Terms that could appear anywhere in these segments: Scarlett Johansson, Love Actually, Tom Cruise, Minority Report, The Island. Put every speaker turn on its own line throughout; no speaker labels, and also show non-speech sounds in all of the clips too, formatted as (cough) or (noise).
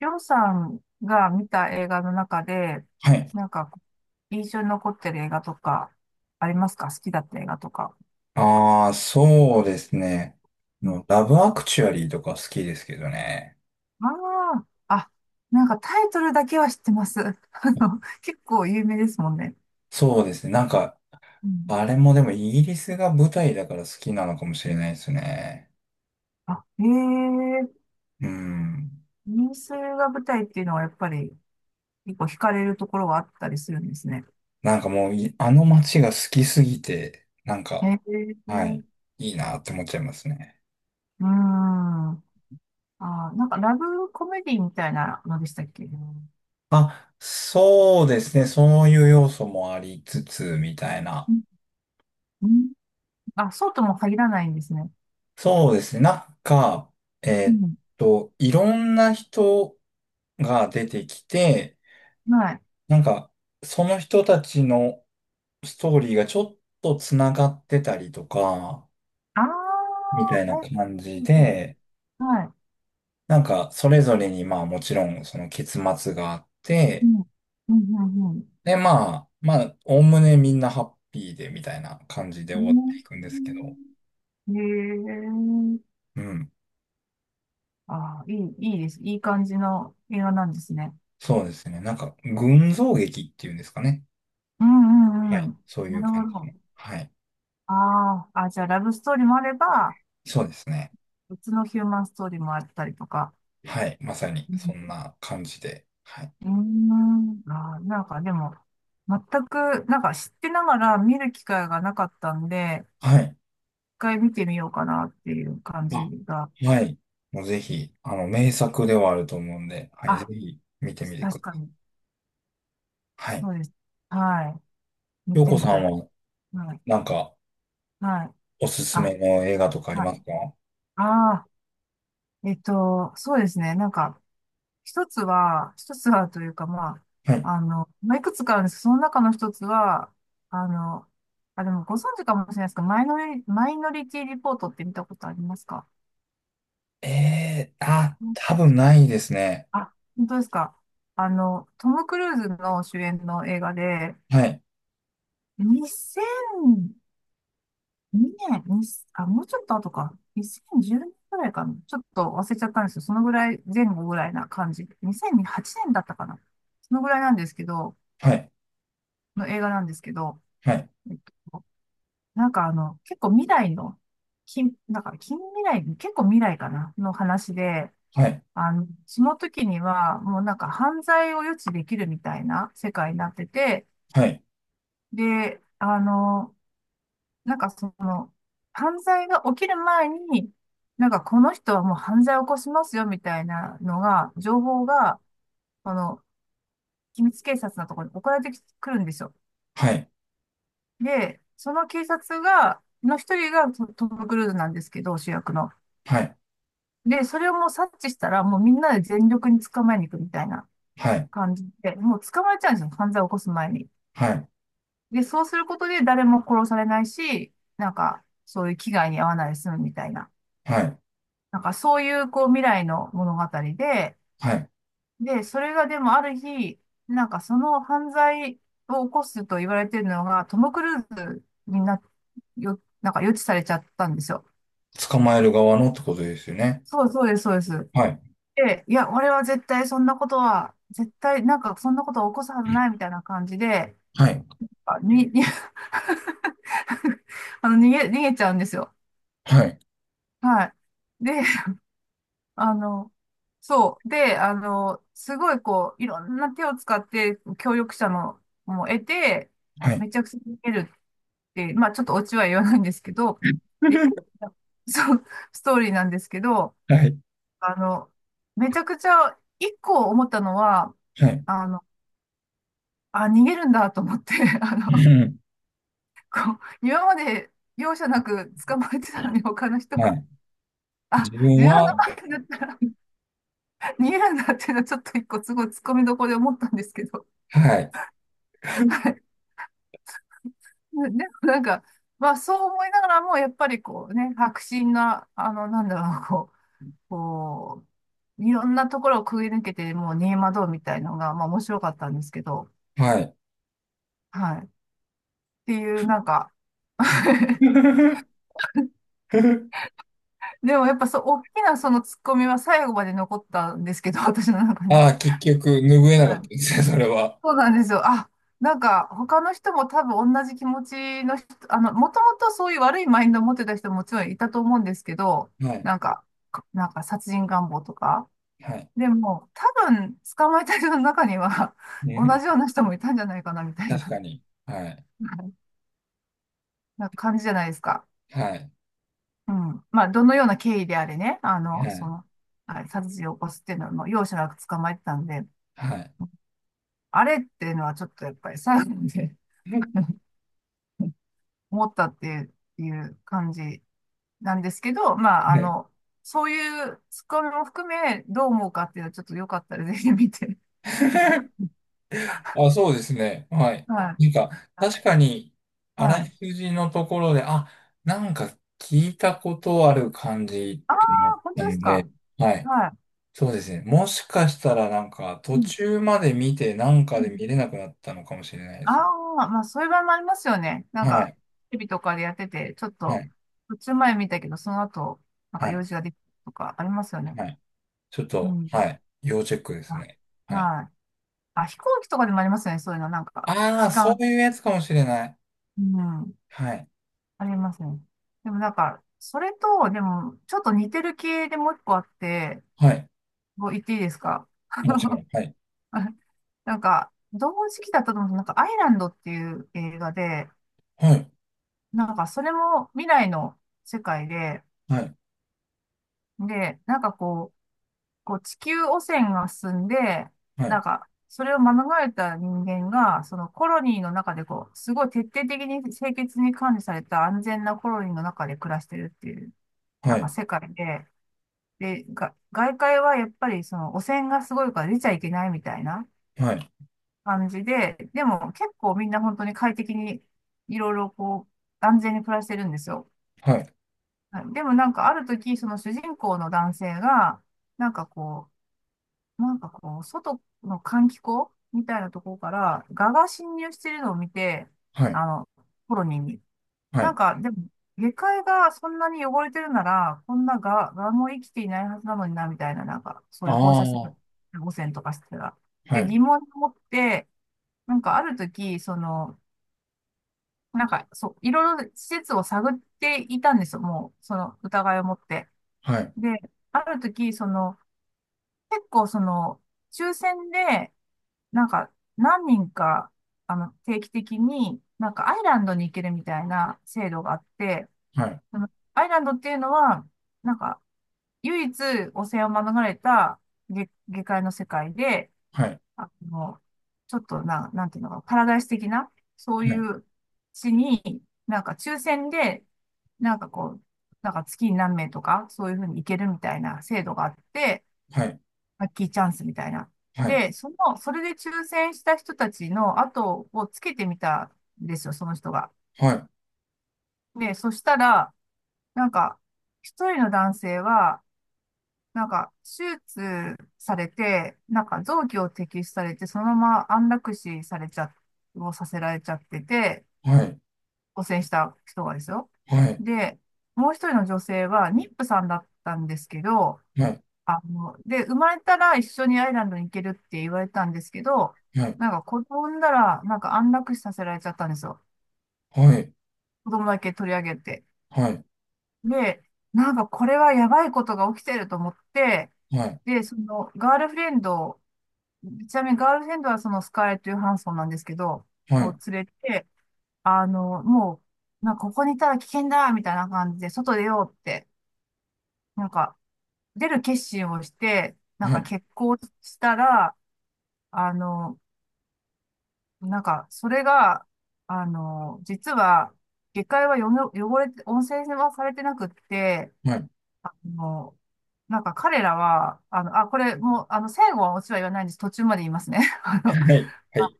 りょうさんが見た映画の中で、
はい。
なんか印象に残ってる映画とかありますか？好きだった映画とか。
ああ、そうですね。
うん。
の、ラブアクチュアリーとか好きですけどね。
あー、あ、なんかタイトルだけは知ってます。(laughs) 結構有名ですもんね。
そうですね。なんか、
うん。
あれもでもイギリスが舞台だから好きなのかもしれないですね。
あ、ええ、
うん。
人数が舞台っていうのはやっぱり結構惹かれるところがあったりするんですね。
なんかもうい、あの街が好きすぎて、なんか、
え
は
え。
い、いいなって思っちゃいますね。
うん。あー、なんかラブコメディみたいなのでしたっけ？うん。
あ、そうですね。そういう要素もありつつ、みたいな。
うん。あ、そうとも限らないんですね。
そうですね。なんか、え
う
ーっ
ん。
いろんな人が出てきて、
はい。
なんか、その人たちのストーリーがちょっとつながってたりとか、
ああ、
みたいな
はい。
感
う
じ
ん。
で、
うん。はい。
なんか、それぞれにまあもちろんその結末があっ
う
て、
ん。うん、うん、うん。
で、まあ、まあ、おおむねみんなハッピーでみたいな感じで終わっていくんですけど、
うん。へえ。
うん。
ああ、いい、いいです。いい感じの映画なんですね。
そうですね。なんか、群像劇っていうんですかね。
う
は
ん、うん、う
い。
ん。
そうい
な
う感
るほ
じの。
ど。
はい。
ああ、あ、じゃあ、ラブストーリーもあれば、
そうですね。
別のヒューマンストーリーもあったりとか。
はい。まさに、
う
そん
ん。
な感じで。はい。
うーん。ああ、なんかでも、全く、なんか知ってながら見る機会がなかったんで、
はい。
一回見てみようかなっていう感じ
あ、
が。
はい。もうぜひ、あの、名作ではあると思うんで、はい、ぜ
あ、
ひ見てみて
確
くだ
かに。
さい。はい。
そうです。はい。見
洋
て
子
み
さ
た
ん
い。
は、
はい。
なんか、
はい。
おすすめ
あ、
の映画とかあり
はい。
ますか？
ああ、そうですね。なんか、一つはというか、ま
はい。
あ、いくつかあるんですけど、その中の一つは、あの、あ、でもご存知かもしれないですけど、マイノリティリポートって見たことありますか？
えー、あ、
うん。
多分ないですね。
あ、本当ですか。トム・クルーズの主演の映画で、
はい。
2000 2年、に、あ、もうちょっと後か。2010年ぐらいかな。ちょっと忘れちゃったんですよ。そのぐらい、前後ぐらいな感じ。2008年だったかな。そのぐらいなんですけど、
はい。
の映画なんですけど、
はい。
えっと、なんか結構未来の、近、なんから近未来、結構未来かな、の話で、
はい。
その時には、もうなんか犯罪を予知できるみたいな世界になってて、
はい。
で、なんかその、犯罪が起きる前に、なんかこの人はもう犯罪を起こしますよみたいなのが、情報が、あの、秘密警察のところに送られてくるんですよ。
はい。
で、その警察が、の一人がトム・クルーズなんですけど、主役の。
はい。
で、それをもう察知したら、もうみんなで全力に捕まえに行くみたいな
はい。
感じで、もう捕まえちゃうんですよ、犯罪を起こす前に。
はい。
で、そうすることで誰も殺されないし、なんか、そういう危害に遭わないで済むみたいな。
はい。
なんかそういうこう未来の物語で、
はい。
で、それがでもある日、なんかその犯罪を起こすと言われてるのがトム・クルーズにな、よ、なんか予知されちゃったんですよ。
捕まえる側のってことですよね。
そうそうです、そうです。
はい。
で、いや、俺は絶対そんなことは、絶対なんかそんなことを起こすはずないみたいな感じで、
はい。
あに、に、 (laughs) 逃げちゃうんですよ。
はい。
はい。で、あの、そう。で、すごいこう、いろんな手を使って協力者のも得て、
はい。
めちゃくちゃ見えるって、まあちょっとオチは言わないんですけど、(laughs) で
(laughs)
そう、ストーリーなんですけど、
はい。
あの、めちゃくちゃ一個思ったのは、
はい。
あの、あ、逃げるんだと思って、(laughs) あ
う
の、
ん、
こう、今まで容赦なく捕まえてたのに他の人
は
は、
い。
あ、
自分
自分の
は、
番だったら逃げるんだっていうのはちょっと一個すごい突っ込みどころで思ったんですけど、
はい。
(laughs) で、でもなんか、まあそう思いながらも、やっぱりこうね、迫真な、なんだろう、(laughs) こう、いろんなところをくぐり抜けて、もうネイマドーみたいのが、まあ面白かったんですけど、
はい。
はい。っていう、なんか (laughs)
(laughs) (laughs)
でもやっぱそう、大きなそのツッコミは最後まで残ったんですけど、私の中に。
ああ、結局、拭えなかっ
は
た
い。
ですね、(laughs) それは。
そうなんですよ。あ、なんか他の人も多分同じ気持ちの人、もともとそういう悪いマインドを持ってた人ももちろんいたと思うんですけど、
はい。
なんか、かなんか殺人願望とか。
はい。
でも、多分捕まえた人の中には (laughs)
う
同
ん。
じような人もいたんじゃないかなみたい
確
な、は
かに。はい。
いな感じじゃないですか。
はい。
うん。まあ、どのような経緯であれね、
はい。
はい殺人を起こすっていうのはもう容赦なく捕まえてたんで、
はい。
あれっていうのはちょっとやっぱり最後まで (laughs) 思ったっていう感じなんですけど、
ね。
そういうツッコミも含め、どう思うかっていうのはちょっとよかったらぜひ見て。(laughs)
あ、そうですね。はい。
はい。
なんか、確かに、あら
はい。
すじのところで、あ、なんか聞いたことある感じ
あ
っ
あ、
てね、
本
なった
当で
の
すか。
で、はい。
は
そうですね。もしかしたら、なんか、
い。
途
うん。
中まで見て、なん
う
かで
ん。
見れなくなったのかもしれないで
あ
す。
あ、まあ、そういう場合もありますよね。なん
は
か、
い。
テレビとかでやってて、ちょっ
は
と、
い。
途中前見たけど、その後、なん
は
か用
い。
事ができるとかありますよね。
はい。ちょっ
う
と、
ん。
はい。要チェックです
あ、
ね。はい。
はい。あ、飛行機とかでもありますよね。そういうの、なんか、
ああ、
時
そう
間、
いうやつかもしれない。
うん。
はい。
ありますね。でもなんか、それと、でも、ちょっと似てる系でもう一個あって、
はい。
こう言っていいですか？
もちろん。はい。
(laughs) なんか、同時期だったと思うんですけどなんか、アイランドっていう映画で、
はい。
なんか、それも未来の世界で、で、なんかこう、こう地球汚染が進んで、
は
な
い。
んか、それを免れた人間が、そのコロニーの中でこう、すごい徹底的に清潔に管理された安全なコロニーの中で暮らしてるっていう、な
は
んか
い。
世界で、で、が、外界はやっぱりその汚染がすごいから出ちゃいけないみたいな
はい。
感じで、でも結構みんな本当に快適にいろいろこう安全に暮らしてるんですよ。
はい。はい。
はい。でもなんかある時、その主人公の男性が、なんかこう、なんかこう、外の換気口みたいなところから蛾が侵入してるのを見て、
はい。
あの、コロニーに。
は
な
い。
んか、でも、下界がそんなに汚れてるなら、こんなが、がも生きていないはずなのにな、みたいな、なんか、そう
あ
いう放
あ。
射線
は
汚染とかしてたら。で、
い。
疑問に思って、なんかある時、その、なんか、そう、いろいろ施設を探っていたんですよ、もう、その疑いを持って。
はい。
で、ある時、その、結構その、抽選で、なんか、何人か、定期的に、なんかアイランドに行けるみたいな制度があって、
はい。
なんかアイランドっていうのは、なんか、唯一汚染を免れた下界の世界で、
はい。
あの、ちょっとな、なんていうのか、パラダイス的な、そう
は
い
い。
う地に、なんか抽選で、なんかこう、なんか月に何名とか、そういうふうに行けるみたいな制度があって、
は
ラッキーチャンスみたいな。
い。
で、その、それで抽選した人たちの後をつけてみたんですよ、その人が。
はい。
で、そしたら、なんか、一人の男性は、なんか、手術されて、なんか、臓器を摘出されて、そのまま安楽死されちゃ、をさせられちゃってて、
はい。
汚染した人がですよ。
はい。
で、もう一人の女性は、妊婦さんだったんですけど、
はい。
で、生まれたら一緒にアイランドに行けるって言われたんですけど、子供産んだら、安楽死させられちゃったんですよ。
はい。
子供だけ取り上げて。
はい。
で、これはやばいことが起きてると思って、
はい。
で、ガールフレンド、ちなみにガールフレンドはそのスカーレット・ヨハンソンなんですけど、
は
を
い。
連れて、もう、なんかここにいたら危険だみたいな感じで、外出ようって、なんか出る決心をして、
はい。はい。
決行したら、あの、なんかそれが、実は、下界はよの汚れて、温泉はされてなくって、
はい。
あのなんか彼らは、あ、これもう、最後はオチは言わないんです。途中まで言いますね。(laughs) あ
は
の
い。はい。はい。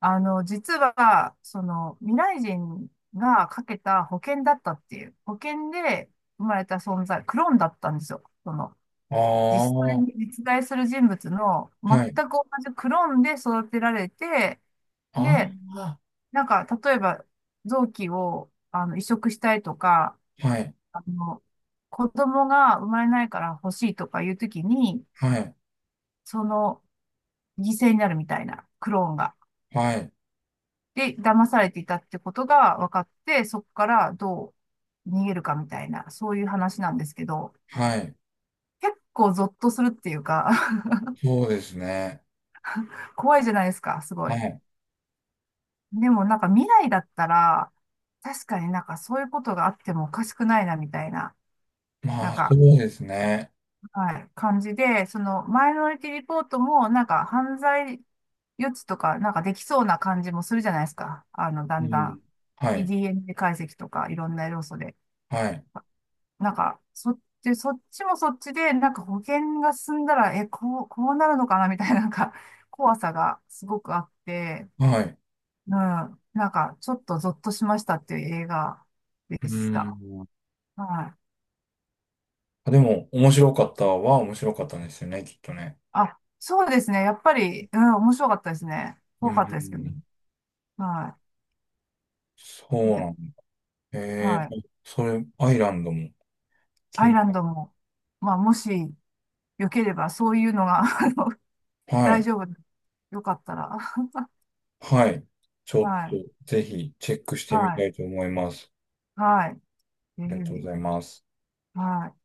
実は、未来人がかけた保険だったっていう、保険で生まれた存在、クローンだったんですよ。
あ
実際に
あ。
実在する人物の全
はい。
く同じクローンで育てられて、
あ
で、
あ。
例えば、臓器を、移植したいとか、
はい。
あの、子供が生まれないから欲しいとかいうときに、
はい。
その、犠牲になるみたいな、クローンが。
はい。
で、騙されていたってことが分かって、そこからどう逃げるかみたいな、そういう話なんですけど、
はい。
結構ゾッとするっていうか、
そうですね。
(laughs) 怖いじゃないですか、すご
は
い。
い。
でもなんか未来だったら、確かになんかそういうことがあってもおかしくないな、みたいな、な
ま
ん
あ、そ
か、
うですね。
はい、感じで、そのマイノリティリポートもなんか犯罪予知とかなんかできそうな感じもするじゃないですか。あの、だ
う
んだ
ん。
ん
はい。
DNA 解析とかいろんな要素で。
はい。
なんか、そっちもそっちで、なんか保険が進んだら、こうなるのかなみたいな、(laughs) 怖さがすごくあって、
はい。
うん。なんか、ちょっとゾッとしましたっていう映画で
う
した。
ん。
はい。
あ、でも、面白かったは面白かったんですよね、きっとね。
あ、そうですね。やっぱり、うん、面白かったですね。
う
怖かったですけどね。
ん。
は
そ
い。
う
で、
なんだ。え
はい。
ー、それ、アイランドも気
アイ
に
ラン
なる。
ドも、まあ、もし、よければ、そういうのが (laughs)
は
大
い。
丈夫。よかったら。
はい。ちょっ
はい。
と、ぜひ、チェックしてみ
は
た
い。
いと思います。
はい。ぜひ
ありが
ぜ
とうご
ひ。
ざいます。
はい。